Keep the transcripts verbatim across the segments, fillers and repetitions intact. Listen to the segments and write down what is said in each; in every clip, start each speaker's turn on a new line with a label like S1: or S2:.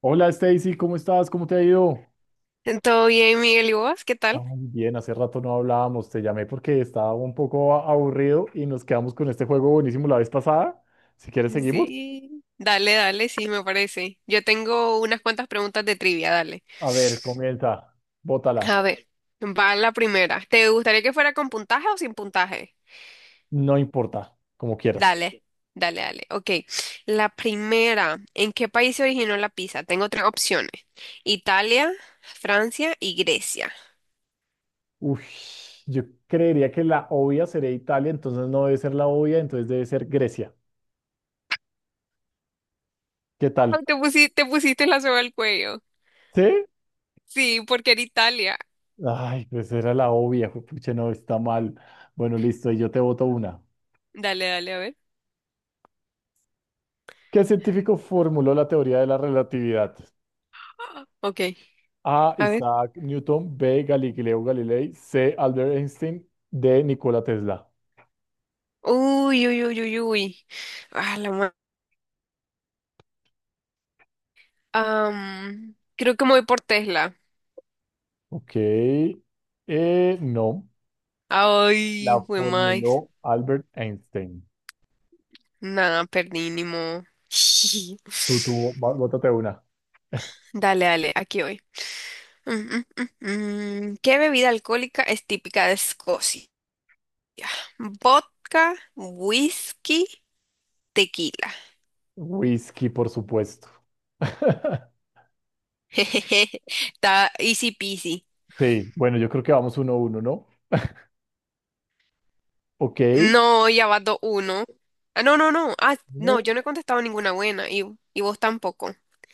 S1: Hola Stacy, ¿cómo estás? ¿Cómo te ha ido?
S2: ¿Todo bien, Miguel? ¿Y vos? ¿Qué
S1: Ay,
S2: tal?
S1: bien, hace rato no hablábamos, te llamé porque estaba un poco a- aburrido y nos quedamos con este juego buenísimo la vez pasada. Si quieres, seguimos.
S2: Sí, dale, dale, sí, me parece. Yo tengo unas cuantas preguntas de trivia, dale.
S1: A ver, comienza, bótala,
S2: A ver, va la primera. ¿Te gustaría que fuera con puntaje o sin puntaje?
S1: no importa, como quieras.
S2: Dale, dale, dale. Ok, la primera. ¿En qué país se originó la pizza? Tengo tres opciones. Italia, Francia y Grecia.
S1: Uy, yo creería que la obvia sería Italia, entonces no debe ser la obvia, entonces debe ser Grecia. ¿Qué tal?
S2: Ay, te pusiste, te pusiste la soga al cuello.
S1: ¿Sí?
S2: Sí, porque era Italia.
S1: Ay, pues era la obvia, pucha, no, está mal. Bueno, listo, y yo te voto una.
S2: Dale, dale, a ver.
S1: ¿Qué científico formuló la teoría de la relatividad?
S2: Ok,
S1: A.
S2: a ver.
S1: Isaac Newton. B. Galileo Galilei. C. Albert Einstein. D. Nikola Tesla.
S2: Uy, uy, uy, uy, uy. Ah, la ma- Am, creo que me voy por Tesla.
S1: Ok. Eh, no.
S2: Ay,
S1: La
S2: fue más.
S1: formuló Albert Einstein.
S2: Nada, perdí, ni modo.
S1: Tú, tú, bó- bótate una.
S2: Dale, dale, aquí voy. Mm, mm, mm, mm. ¿Qué bebida alcohólica es típica de Escocia? Vodka, whisky, tequila.
S1: Whisky, por supuesto.
S2: Jejeje, está easy peasy.
S1: Sí, bueno, yo creo que vamos uno a uno, ¿no? Ok.
S2: No, ya va dos uno. Ah, no, no, no. Ah, no,
S1: No,
S2: yo no he contestado ninguna buena y, y vos tampoco.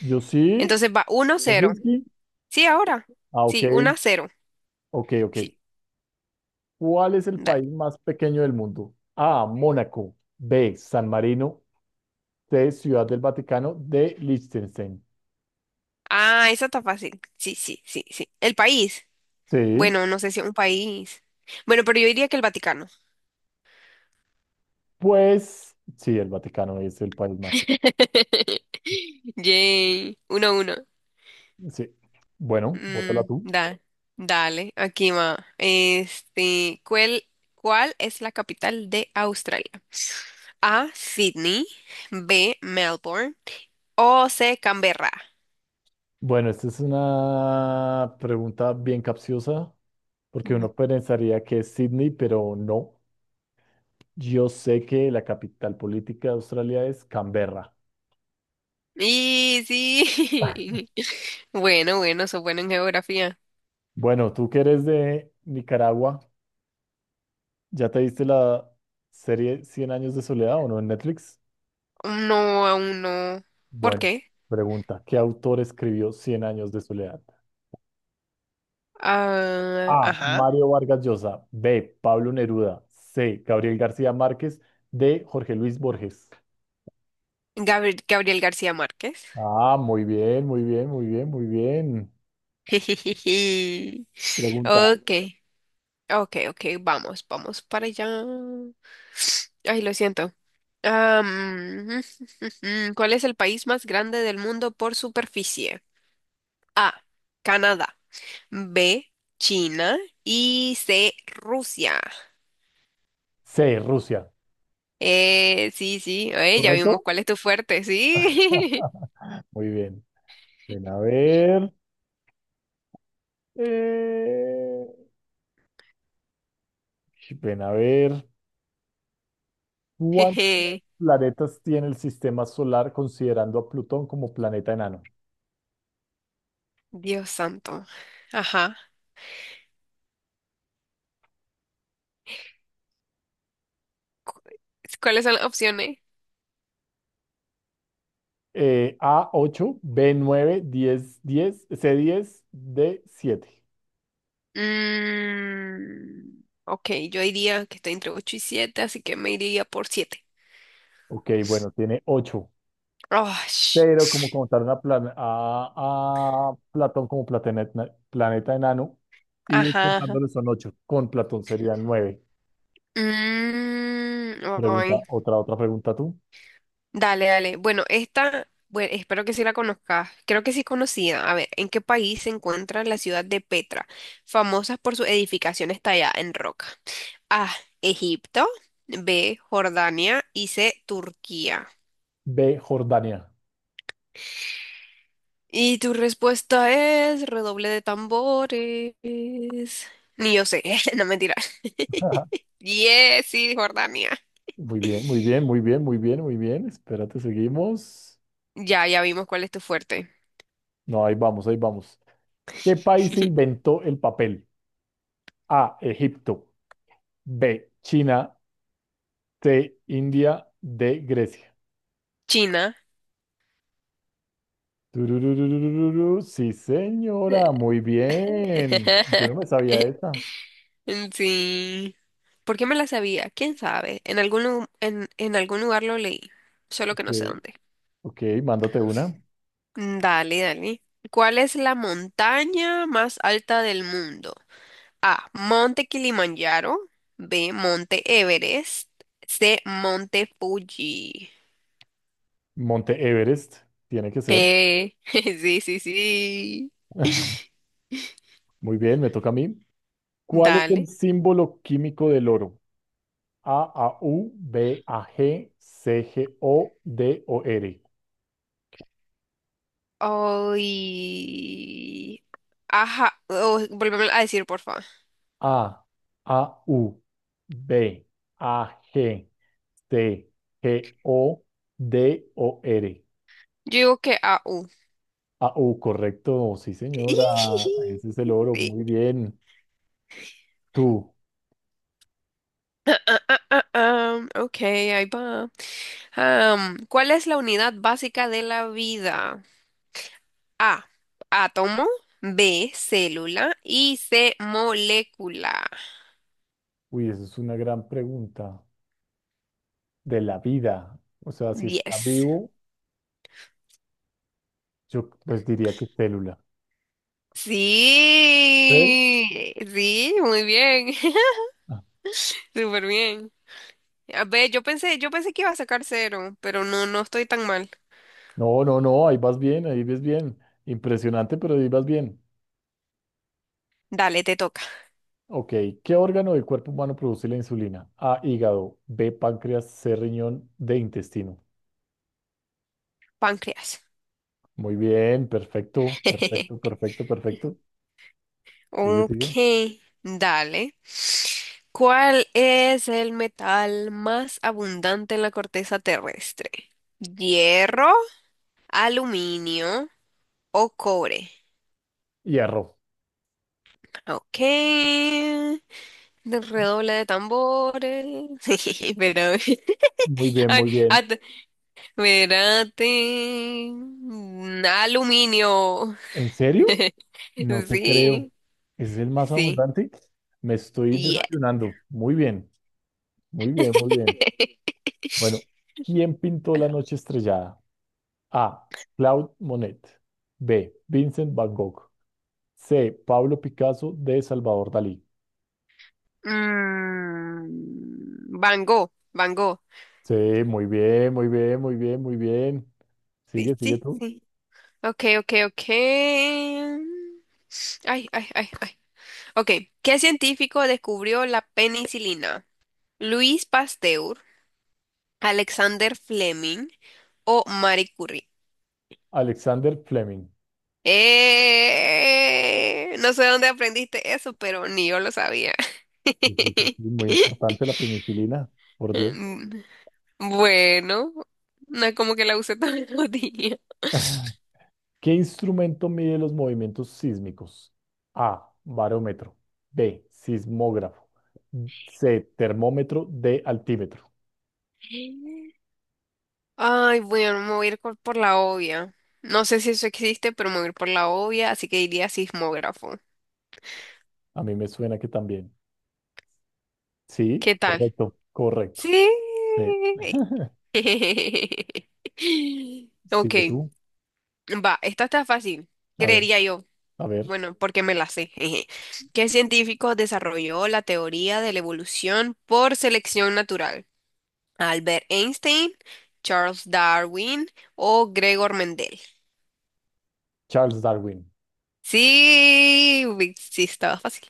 S1: yo sí.
S2: Entonces va uno
S1: ¿Hay
S2: cero.
S1: whisky?
S2: Sí, ahora.
S1: Ah, ok.
S2: Sí, uno a cero.
S1: Ok, ok.
S2: Sí,
S1: ¿Cuál es el
S2: dale.
S1: país más pequeño del mundo? A. Mónaco. B. San Marino. De Ciudad del Vaticano, de Liechtenstein.
S2: Ah, esa está fácil. Sí, sí, sí, sí. El país.
S1: Sí,
S2: Bueno, no sé si un país. Bueno, pero yo diría que el Vaticano.
S1: pues sí, el Vaticano es el país más.
S2: Yay. Uno a uno.
S1: Sí, bueno, bótala
S2: Mm,
S1: tú.
S2: da- dale, aquí va. Este, ¿cuál, ¿cuál es la capital de Australia? A, Sydney. B, Melbourne. O C, Canberra.
S1: Bueno, esta es una pregunta bien capciosa, porque uno pensaría que es Sydney, pero no. Yo sé que la capital política de Australia es Canberra.
S2: Y sí. Bueno, bueno, sos bueno en geografía.
S1: Bueno, tú que eres de Nicaragua, ¿ya te viste la serie Cien años de soledad o no en Netflix?
S2: No, aún no. ¿Por
S1: Bueno,
S2: qué?
S1: pregunta, ¿qué autor escribió Cien años de soledad?
S2: Ah,
S1: A.
S2: ajá.
S1: Mario Vargas Llosa. B. Pablo Neruda. C. Gabriel García Márquez. D. Jorge Luis Borges.
S2: Gabri- Gabriel García Márquez.
S1: Ah, muy bien, muy bien, muy bien, muy bien.
S2: Jijiji.
S1: Pregunta.
S2: Ok, ok, ok, vamos, vamos para allá. Ay, lo siento. Am, ¿cuál es el país más grande del mundo por superficie? A, Canadá. B, China. Y C, Rusia.
S1: C. Rusia.
S2: Eh, sí, sí, oye, ya vimos
S1: ¿Correcto?
S2: cuál es tu fuerte, sí.
S1: Muy bien. Ven a ver. eh, Ven a ver. ¿Cuántos
S2: Jeje,
S1: planetas tiene el sistema solar considerando a Plutón como planeta enano?
S2: Dios santo. Ajá. Cu- ¿Cuáles son las opciones?
S1: Eh, a ocho, B nueve, diez, diez, C diez, D siete.
S2: Mm, ok, yo diría que estoy entre ocho y siete, así que me iría por siete.
S1: Ok, bueno, tiene ocho.
S2: Oh, sh-
S1: Pero como contaron a, Plan- a, a Platón como planeta, planeta enano, y
S2: ajá. Ajá.
S1: contándole son ocho, con Platón serían nueve.
S2: Mm,
S1: Pregunta,
S2: ay,
S1: otra, otra pregunta tú.
S2: Dale, dale. Bueno, esta, bueno, espero que sí la conozcas. Creo que sí es conocida. A ver, ¿en qué país se encuentra la ciudad de Petra, famosa por sus edificaciones talladas en roca? A, Egipto, B, Jordania y C, Turquía.
S1: B, Jordania.
S2: Y tu respuesta es redoble de tambores. Ni yo sé, no mentira. Yes, sí, Jordania.
S1: Muy bien, muy bien, muy bien, muy bien, muy bien. Espérate, seguimos.
S2: Ya, ya vimos cuál es tu fuerte.
S1: No, ahí vamos, ahí vamos. ¿Qué país inventó el papel? A, Egipto. B, China. C, India. D, Grecia.
S2: China.
S1: Turururururu. Sí, señora, muy bien. Yo no me sabía esta.
S2: Mm, sí. ¿Por qué me la sabía? ¿Quién sabe? En algún, lu- en, en algún lugar lo leí, solo que
S1: Ok,
S2: no sé dónde.
S1: ok, mándate una.
S2: Mm, Dale, dale. ¿Cuál es la montaña más alta del mundo? A. Monte Kilimanjaro. B. Monte Everest. C. Monte Fuji.
S1: Monte Everest, tiene que ser.
S2: Eh, sí, sí, sí.
S1: Muy bien, me toca a mí. ¿Cuál es el
S2: Dale.
S1: símbolo químico del oro? A, A, U, B, A, G, C, G, O, D, O, R.
S2: Ay. Ajá. Oh, volveme a decir, por favor.
S1: A, A, U, B, A, G, C, G, O, D, O, R.
S2: Yo digo que A. U.
S1: Ah, oh, correcto, sí, señora. Ese es el oro. Muy bien. Tú.
S2: Ah, ah, ah, ok, ahí va. Am, ¿cuál es la unidad básica de la vida? A, átomo, B, célula y C, molécula.
S1: Uy, esa es una gran pregunta. De la vida. O sea, si está
S2: Yes.
S1: vivo, yo pues diría que célula. ¿Eh?
S2: Sí, sí, muy bien.
S1: Ah,
S2: Súper bien. A ver, yo pensé, yo pensé que iba a sacar cero, pero no, no estoy tan mal.
S1: no, no, no, ahí vas bien, ahí ves bien. Impresionante, pero ahí vas bien.
S2: Dale, te toca.
S1: Ok, ¿qué órgano del cuerpo humano produce la insulina? A, hígado. B, páncreas. C, riñón. D, intestino.
S2: Páncreas.
S1: Muy bien, perfecto, perfecto, perfecto, perfecto. Sigue, sigue.
S2: Ok, dale. ¿Cuál es el metal más abundante en la corteza terrestre? ¿Hierro, aluminio o cobre?
S1: Hierro.
S2: Ok. Redoble de tambores. Pero,
S1: Muy bien,
S2: ay,
S1: muy bien.
S2: at- espérate. Mm, aluminio.
S1: ¿En serio? No te creo.
S2: Sí,
S1: ¿Es el más
S2: sí.
S1: abundante? Me estoy
S2: Yes.
S1: desayunando. Muy bien, muy bien, muy bien. Bueno, ¿quién pintó la noche estrellada? A. Claude Monet. B. Vincent Van Gogh. C. Pablo Picasso. D. Salvador Dalí.
S2: Mm, Van Gogh, Van Gogh.
S1: Sí, muy bien, muy bien, muy bien, muy bien.
S2: Sí,
S1: Sigue, sigue
S2: sí,
S1: tú.
S2: sí. Ok, ok, ok. Ay, ay, ay, ay. Ok, ¿qué científico descubrió la penicilina? ¿Luis Pasteur, Alexander Fleming o Marie Curie?
S1: Alexander Fleming.
S2: Eh, no sé dónde aprendiste eso, pero ni yo lo sabía.
S1: Sí, sí, sí, sí, muy importante la penicilina, por Dios.
S2: Mm, Bueno, no es como que la usé todos los días.
S1: ¿Qué instrumento mide los movimientos sísmicos? A. Barómetro. B. Sismógrafo. C. Termómetro. D. Altímetro.
S2: Ay, bueno, me voy a ir por, por la obvia. No sé si eso existe, pero me voy a ir por la obvia, así que diría sismógrafo.
S1: A mí me suena que también. Sí,
S2: ¿Qué tal?
S1: correcto,
S2: Sí.
S1: correcto. Sí. Sigue
S2: Ok,
S1: tú.
S2: va, esta está fácil,
S1: A ver,
S2: creería yo.
S1: a ver.
S2: Bueno, porque me la sé. Jeje. ¿Qué científico desarrolló la teoría de la evolución por selección natural? ¿Albert Einstein, Charles Darwin o Gregor Mendel?
S1: Charles Darwin.
S2: Sí, uy, sí, estaba fácil.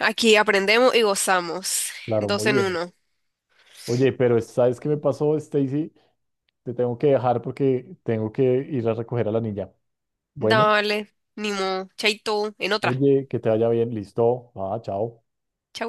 S2: Aquí aprendemos y gozamos.
S1: Claro,
S2: Dos
S1: muy
S2: en
S1: bien.
S2: uno.
S1: Oye, pero ¿sabes qué me pasó, Stacy? Te tengo que dejar porque tengo que ir a recoger a la niña. Bueno,
S2: Dale, ni modo. Chaito, en otra.
S1: oye, que te vaya bien. Listo. Ah, chao.
S2: Chao.